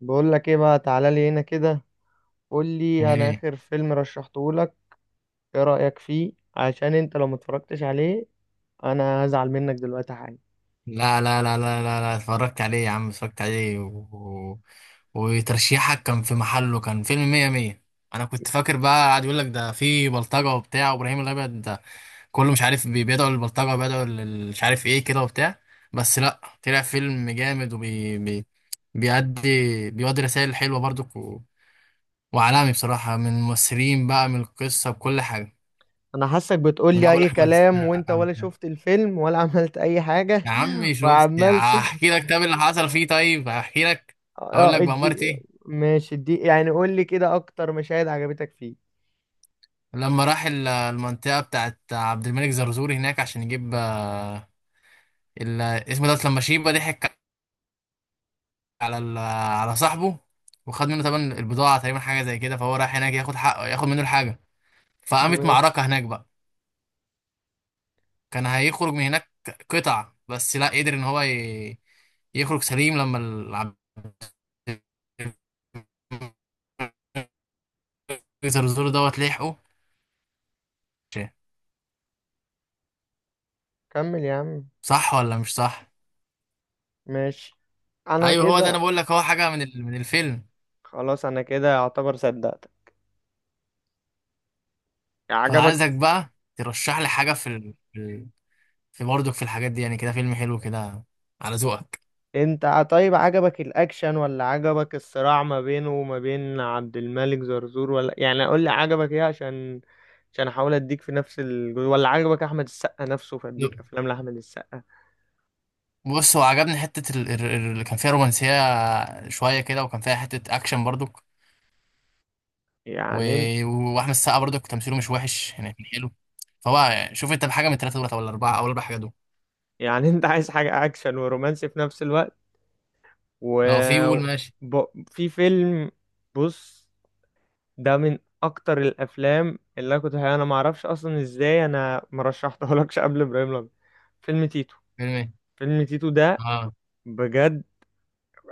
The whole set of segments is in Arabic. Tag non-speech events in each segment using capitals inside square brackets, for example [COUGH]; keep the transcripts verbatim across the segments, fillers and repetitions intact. بقول لك ايه بقى؟ تعالى لي هنا كده. قول لي، انا ايه. اخر فيلم رشحته لك ايه رأيك فيه؟ عشان انت لو متفرجتش عليه انا هزعل منك دلوقتي حالا. لا لا لا لا لا لا، اتفرجت عليه يا عم، اتفرجت عليه و... و- وترشيحك كان في محله، كان فيلم مية مية. انا كنت فاكر بقى قاعد يقول لك ده في بلطجة وبتاع، وابراهيم الابيض ده كله مش عارف، بي- بيدعوا للبلطجة، بيدعوا لل- مش عارف ايه كده وبتاع. بس لا، طلع فيلم جامد، وبي بي... بيأدي بيودي رسائل حلوة برضك، و... وعالمي بصراحة، من الممثلين بقى، من القصة، بكل حاجة. انا حاسك بتقول من لي اول اي احمد كلام، وانت السقا. ولا شفت الفيلم ولا [LAUGHS] عملت اي حاجة يا عمي [LAUGHS] شفت، وعملت. هحكي لك، طب اللي حصل فيه، طيب هحكي لك، اه اقول اه، لك بأمارة ادي. ايه. ماشي، ادي يعني قول لي كده اكتر مشاهد عجبتك فيه. لما راح ال- المنطقة بتاعت عبد الملك زرزور هناك عشان يجيب، آه، ال- اسمه ده، لما شيبة ضحك على ال- على صاحبه، وخد منه طبعا البضاعة، تقريبا حاجة زي كده، فهو راح هناك ياخد حقه، ياخد منه الحاجة، فقامت ماشي. معركة هناك بقى. كان هيخرج من هناك قطع، بس لا، قدر ان هو ي- يخرج سليم، لما ال- عبد الملك زرزور دوت لحقه. كمل يا عم. صح ولا مش صح؟ ماشي. انا ايوه هو ده، كده. انا بقول لك هو حاجه من ال- من الفيلم. خلاص، انا كده اعتبر صدقتك. عجبك؟ فعايزك بقى ترشح لي حاجه في ال... في ال- في برضك، في الحاجات دي، يعني كده فيلم حلو كده على ذوقك. انت ع- طيب، عجبك الاكشن ولا عجبك الصراع ما بينه وما بين عبد الملك زرزور؟ ولا يعني قول لي عجبك ايه؟ عشان عشان احاول اديك في نفس ال... ولا عجبك احمد السقا نفسه فاديك افلام لاحمد السقا؟ بص، هو عجبني حته ال- ال- ال- اللي كان فيها رومانسيه شويه كده، وكان فيها حته اكشن برضك، و... يعني انت واحمد السقا برضك تمثيله مش وحش يعني، كان حلو. فهو شوف انت بحاجه من الثلاثه دولت، ولا الاربعه، او الاربع حاجات دول، يعني انت عايز حاجة اكشن ورومانسي في نفس الوقت؟ و لو في قول ماشي. ب... في فيلم. بص، ده من اكتر الافلام اللي انا كنت انا ما اعرفش اصلا ازاي انا ما رشحتهولكش قبل ابراهيم الابيض. فيلم تيتو. فيلم ايه؟ فيلم تيتو ده، اه، بجد،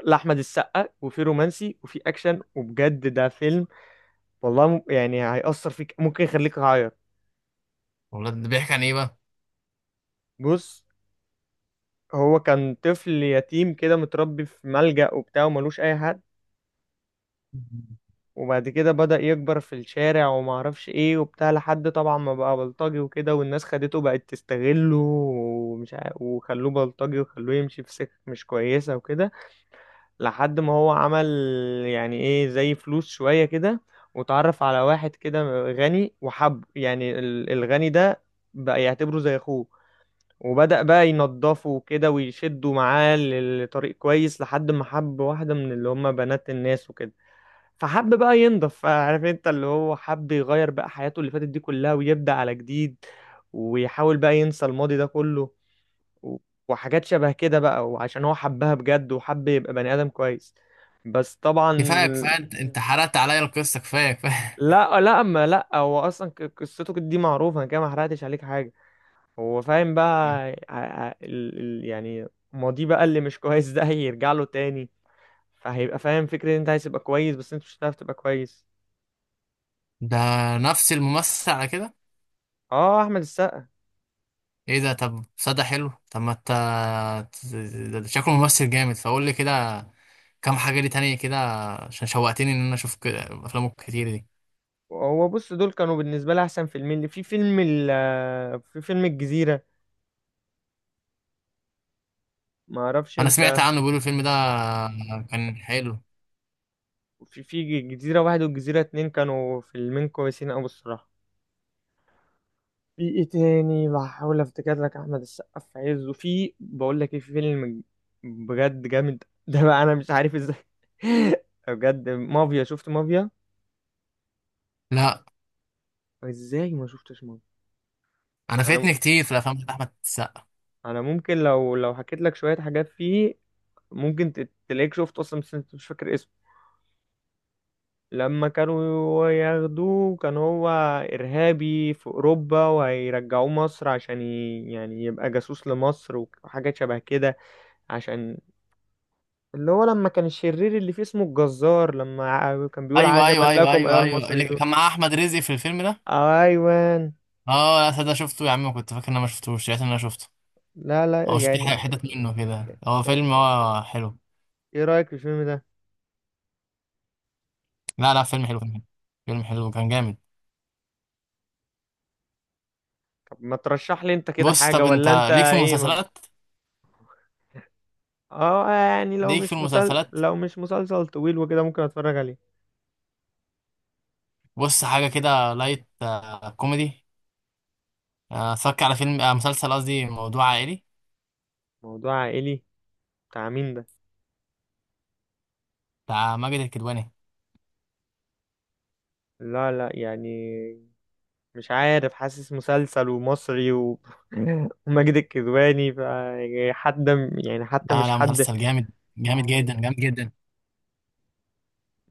لاحمد السقا، وفي رومانسي وفي اكشن، وبجد ده فيلم والله م- يعني هيأثر فيك، ممكن يخليك تعيط. والله ده بيحكي عن ايه بقى؟ بص، هو كان طفل يتيم كده متربي في ملجأ وبتاع، وملوش اي حد. [LAUGHS] وبعد كده بدأ يكبر في الشارع وما اعرفش ايه وبتاع، لحد طبعا ما بقى بلطجي وكده، والناس خدته بقت تستغله ومش عا- وخلوه بلطجي وخلوه يمشي في سكة مش كويسة وكده. لحد ما هو عمل يعني ايه زي فلوس شوية كده، وتعرف على واحد كده غني، وحب يعني ال- الغني ده بقى يعتبره زي اخوه، وبدأ بقى ينضفه كده ويشده معاه لطريق كويس لحد ما حب واحدة من اللي هم بنات الناس وكده. فحب بقى ينضف، عارف انت، اللي هو حب يغير بقى حياته اللي فاتت دي كلها ويبدأ على جديد، ويحاول بقى ينسى الماضي ده كله. و- وحاجات شبه كده بقى، وعشان هو حبها بجد وحب يبقى بني آدم كويس، بس طبعا. كفايه كفايه، انت أنت حرقت عليا القصه، كفايه كفايه. لا لا، ما لا هو اصلا ق- قصته دي معروفة، انا كده ما حرقتش عليك حاجة. هو فاهم بقى [LAUGHS] ع- ع- ال- ال- يعني ماضيه بقى اللي مش كويس [LAUGHS] ده هيرجع له تاني، فهيبقى فاهم فكرة ان انت عايز تبقى كويس بس انت مش هتعرف تبقى كويس. ده نفس الممثل على كده؟ اه، احمد السقا. ايه ده، طب صدى حلو، طب ما انت، ده ده شكله ممثل جامد، فقول لي كده كام حاجه ليه تانية كده، عشان شوقتني ان انا اشوف كده افلامه كتير دي. هو بص، دول كانوا بالنسبة لي احسن فيلمين في فيلم ال في فيلم الجزيرة، ما اعرفش انا سمعت انت. عنه بيقولوا الفيلم ده كان حلو. في في جزيرة واحد والجزيرة اتنين كانوا فيلمين كويسين أوي الصراحة. في ايه تاني بحاول افتكر لك؟ احمد السقا في عزه، في بقول لك ايه، في فيلم بجد جامد [LAUGHS] ده بقى انا مش عارف ازاي. [LAUGHS] بجد مافيا، شفت مافيا؟ لا، ازاي ما شفتش مافيا؟ انا انا، فاتني كتير في الافلام بتاعت احمد السقا. انا ممكن لو لو حكيت لك شوية حاجات فيه ممكن ت- تلاقيك شفت اصلا بس انت مش فاكر اسمه. لما كانوا ياخدوه كان هو إرهابي في أوروبا، وهيرجعوه مصر عشان ي... يعني يبقى جاسوس لمصر وحاجة شبه كده، عشان اللي هو لما كان الشرير اللي فيه اسمه الجزار لما ع- كان بيقول ايوه عجبا ايوه ايوه لكم أيها ايوه ايوه، اللي المصريون. كان معاه احمد رزق في الفيلم ده. أيوان. اه، لا صدق شفته يا عم، كنت فاكر ان انا ما شفتوش، لقيت ان انا شفته، لا لا او شفت يعني، ح- حتت منه كده، هو فيلم، هو حلو. ايه رأيك في الفيلم ده؟ لا لا، فيلم حلو، فيلم حلو، فيلم حلو كان جامد. طب ما ترشح لي انت كده بص، حاجة، طب ولا انت انت ليك في ايه ما... المسلسلات؟ اه يعني لو ليك في مش مسل... المسلسلات، لو مش مسلسل طويل وكده ممكن اتفرج عليه. بص حاجة كده لايت، آه، كوميدي، آه، اتفرج على فيلم، آه، مسلسل قصدي، موضوع عائلي موضوع عائلي؟ بتاع مين ده؟ بتاع ماجد الكدواني. لا لا يعني، مش عارف، حاسس مسلسل ومصري و... [LAUGHS] وماجد الكدواني ف يعني حد، يعني حتى لا مش لا، حد. مسلسل جامد، جامد جدا، جامد جدا،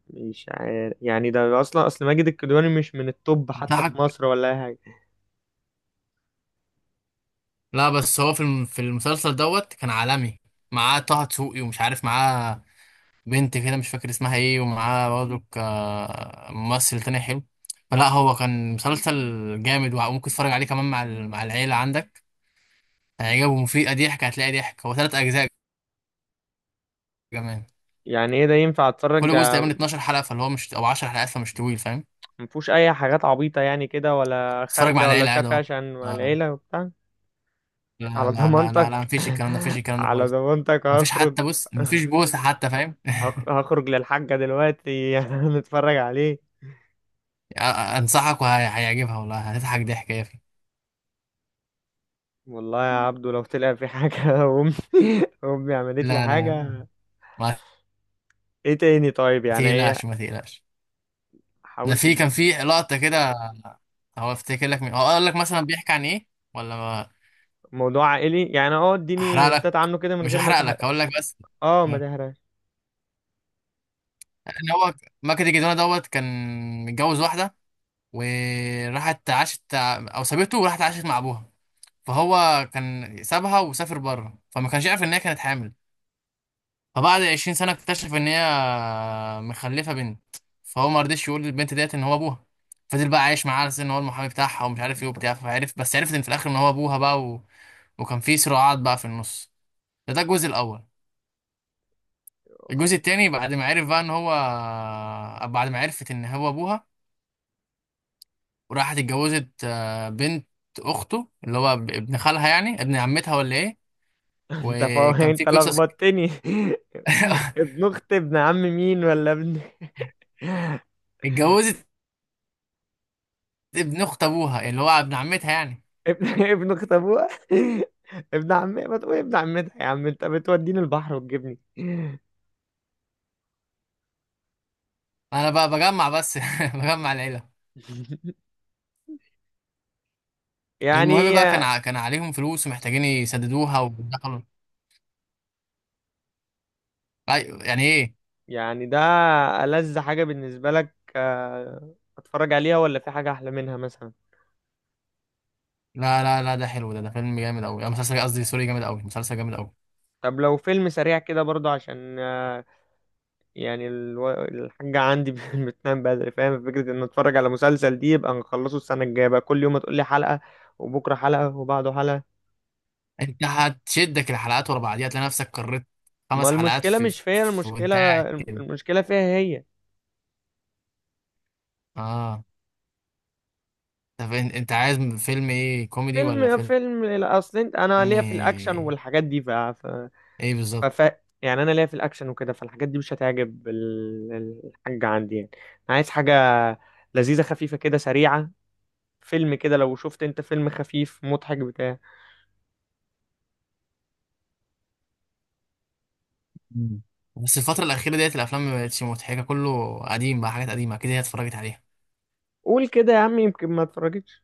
مش عارف يعني، ده اصلا اصل ماجد الكدواني مش من التوب حتى في انصحك. مصر ولا اي حاجه. لا بس هو في الم- في المسلسل دوت كان عالمي، معاه طه دسوقي، ومش عارف معاه بنت كده، مش فاكر اسمها ايه، ومعاه برضه آه، ممثل تاني حلو، فلا هو كان مسلسل جامد، وممكن تتفرج عليه كمان مع ال- مع العيلة عندك، يعني جابوا مفيدة ضحك، هتلاقي ضحك. هو تلات أجزاء كمان، يعني ايه ده، ينفع اتفرج كل جزء ع- تقريبا 12 حلقة، فاللي هو مش، أو 10 حلقات، فمش طويل فاهم، مفهوش اي حاجات عبيطه يعني كده ولا تتفرج مع خارجه ولا العيلة مش عادي عارف إيه، أهو. عشان مع آه، العيله وبتاع؟ لا على لا لا لا لا، ضمانتك؟ مفيش الكلام ده، مفيش [LAUGHS] الكلام ده على خالص، ضمانتك مفيش هخرج. حتى، بص مفيش بوسة حتى فاهم. [LAUGHS] هخ- هخرج للحاجه دلوقتي [LAUGHS] نتفرج عليه. [LAUGHS] آه، آه، أنصحك، وهيعجبها والله، هتضحك ضحك يا أخي. والله يا عبدو لو طلع في حاجة [LAUGHS] أمي، أمي عملت لي لا لا، حاجة. ما إيه تاني طيب؟ يعني تقلقش إيه؟ ما تقلقش، ده حاولت في كان تد- في لقطة كده، هو افتكر لك مين، هقول لك مثلا بيحكي عن إيه، ولا ما موضوع عائلي يعني أه، أحرق إديني هنتات لك، عنه كده من مش غير ما هحرق لك، تحرق. هقول لك بس. أه ما تحرقش. اللي هو ماجد الجدوانة دوت كان متجوز واحدة، وراحت عاشت، أو سابته وراحت عاشت مع أبوها، فهو كان سابها وسافر بره، فما كانش يعرف إن هي كانت حامل، فبعد 20 سنة اكتشف إن هي مخلفة بنت، فهو ما رضيش يقول للبنت ديت إن هو أبوها، فضل بقى عايش معاها على أساس إن هو المحامي بتاعها، ومش عارف إيه وبتاع، فعرف، بس عرفت إن في الآخر إن هو أبوها بقى، و... وكان في صراعات بقى في النص، ده ده الجزء الأول. الجزء التاني [LAUGHS] بعد ما عرف بقى إن هو، بعد ما عرفت إن هو أبوها، وراحت اتجوزت آه، بنت اخته، اللي هو ب- ابن خالها، يعني ابن عمتها، ولا ايه؟ أنت فا وكان في أنت قصص. لخبطتني. [LAUGHS] [LAUGHS] ابن أخت ابن عم مين ولا ابن؟ اتجوزت ابن اخت ابوها، اللي هو ابن عمتها يعني، [LAUGHS] ابن ابن أخت أبوها. [LAUGHS] ابن عمتها، ما تقول ابن عمتها يا عم، أنت بتوديني البحر وتجيبني. انا بقى بجمع بس [LAUGHS] بجمع العيله. [LAUGHS] المهم يعني، بقى، كان ع- كان عليهم فلوس، ومحتاجين يسددوها، ودخلوا أي- يعني ايه. يعني ده ألذ حاجة بالنسبة لك، آه، أتفرج عليها ولا في حاجة أحلى منها مثلا؟ لا لا لا، ده حلو، ده ده فيلم جامد قوي، مسلسل قصدي، سوري، جامد قوي، مسلسل جامد قوي. طب لو فيلم سريع كده برضه عشان، آه، يعني الو- الحاجة عندي [LAUGHS] بتنام بدري، فاهم فكرة إن أتفرج على مسلسل دي يبقى نخلصه السنة الجاية بقى، كل يوم هتقولي حلقة، وبكرة حلقة، وبعده حلقة. انت هتشدك الحلقات ورا بعضيها، تلاقي نفسك قررت ما خمس حلقات المشكلة في, مش فيا، في وانت المشكلة قاعد كده. المشكلة فيها هي. اه، طب إن- انت عايز فيلم ايه؟ كوميدي ولا فيلم فيلم فيلم لا، أصل أنت- أنا ليا في الأكشن ايه؟ والحاجات دي ف... ف... بالظبط. فف... يعني انا ليا في الاكشن وكده، فالحاجات دي مش هتعجب ال- الحاجة عندي يعني، انا عايز حاجة لذيذة خفيفة كده سريعة. فيلم كده، لو شفت انت فيلم خفيف مضحك بتاع مم. بس الفترة الأخيرة ديت الأفلام ما بقتش مضحكة، كله قديم بقى، حاجات قديمة، أكيد هي اتفرجت عليها، قول كده يا عم، يمكن ما اتفرجتش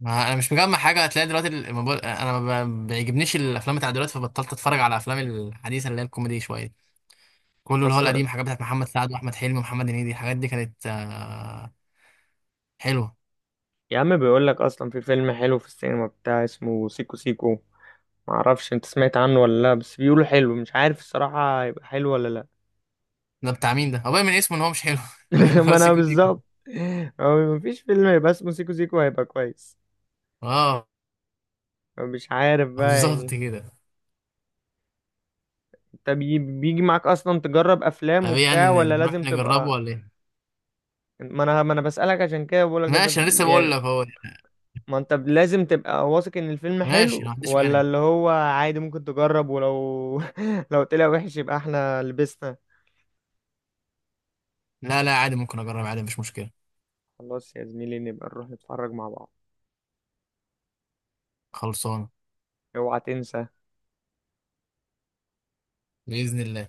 ما أنا مش مجمع حاجة، هتلاقي دلوقتي الموبايل، أنا ما ب- بيعجبنيش الأفلام بتاع دلوقتي، فبطلت أتفرج على الأفلام الحديثة اللي هي الكوميدي شوية، كله اللي هو اصلا. القديم، حاجات بتاعت محمد سعد وأحمد حلمي ومحمد هنيدي، الحاجات دي كانت آه، حلوة. [LAUGHS] يا عم بيقول لك اصلا في فيلم حلو في السينما بتاع اسمه سيكو سيكو، معرفش انت سمعت عنه ولا لا، بس بيقولوا حلو، مش عارف الصراحة هيبقى حلو ولا لا. ده بتاع مين ده؟ هو باين من اسمه إن هو مش حلو [LAUGHS] باين إن [LAUGHS] ما هو انا سيكو سيكو. بالظبط، هو مفيش فيلم هيبقى اسمه سيكو سيكو هيبقى كويس. أه، مش عارف بقى بالظبط يعني. كده. طب ي- بيجي معاك اصلا تجرب طب افلام إيه وبتاع يعني، ولا نروح لازم نجربه تبقى؟ ولا إيه؟ ما انا ما انا بسألك، عشان كده بقول لك انت ماشي، انا ب- لسه بقول لك يعني، اهو. ما انت ب- لازم تبقى واثق ان الفيلم ماشي، ما حلو، عنديش ولا مانع، اللي هو عادي ممكن تجرب؟ ولو [LAUGHS] لو طلع وحش يبقى احنا لبسنا. لا لا، عادي ممكن اجرب عادي، مش مشكله، خلاص يا زميلي، نبقى نروح نتفرج مع بعض. خلصانه، اوعى تنسى. باذن الله.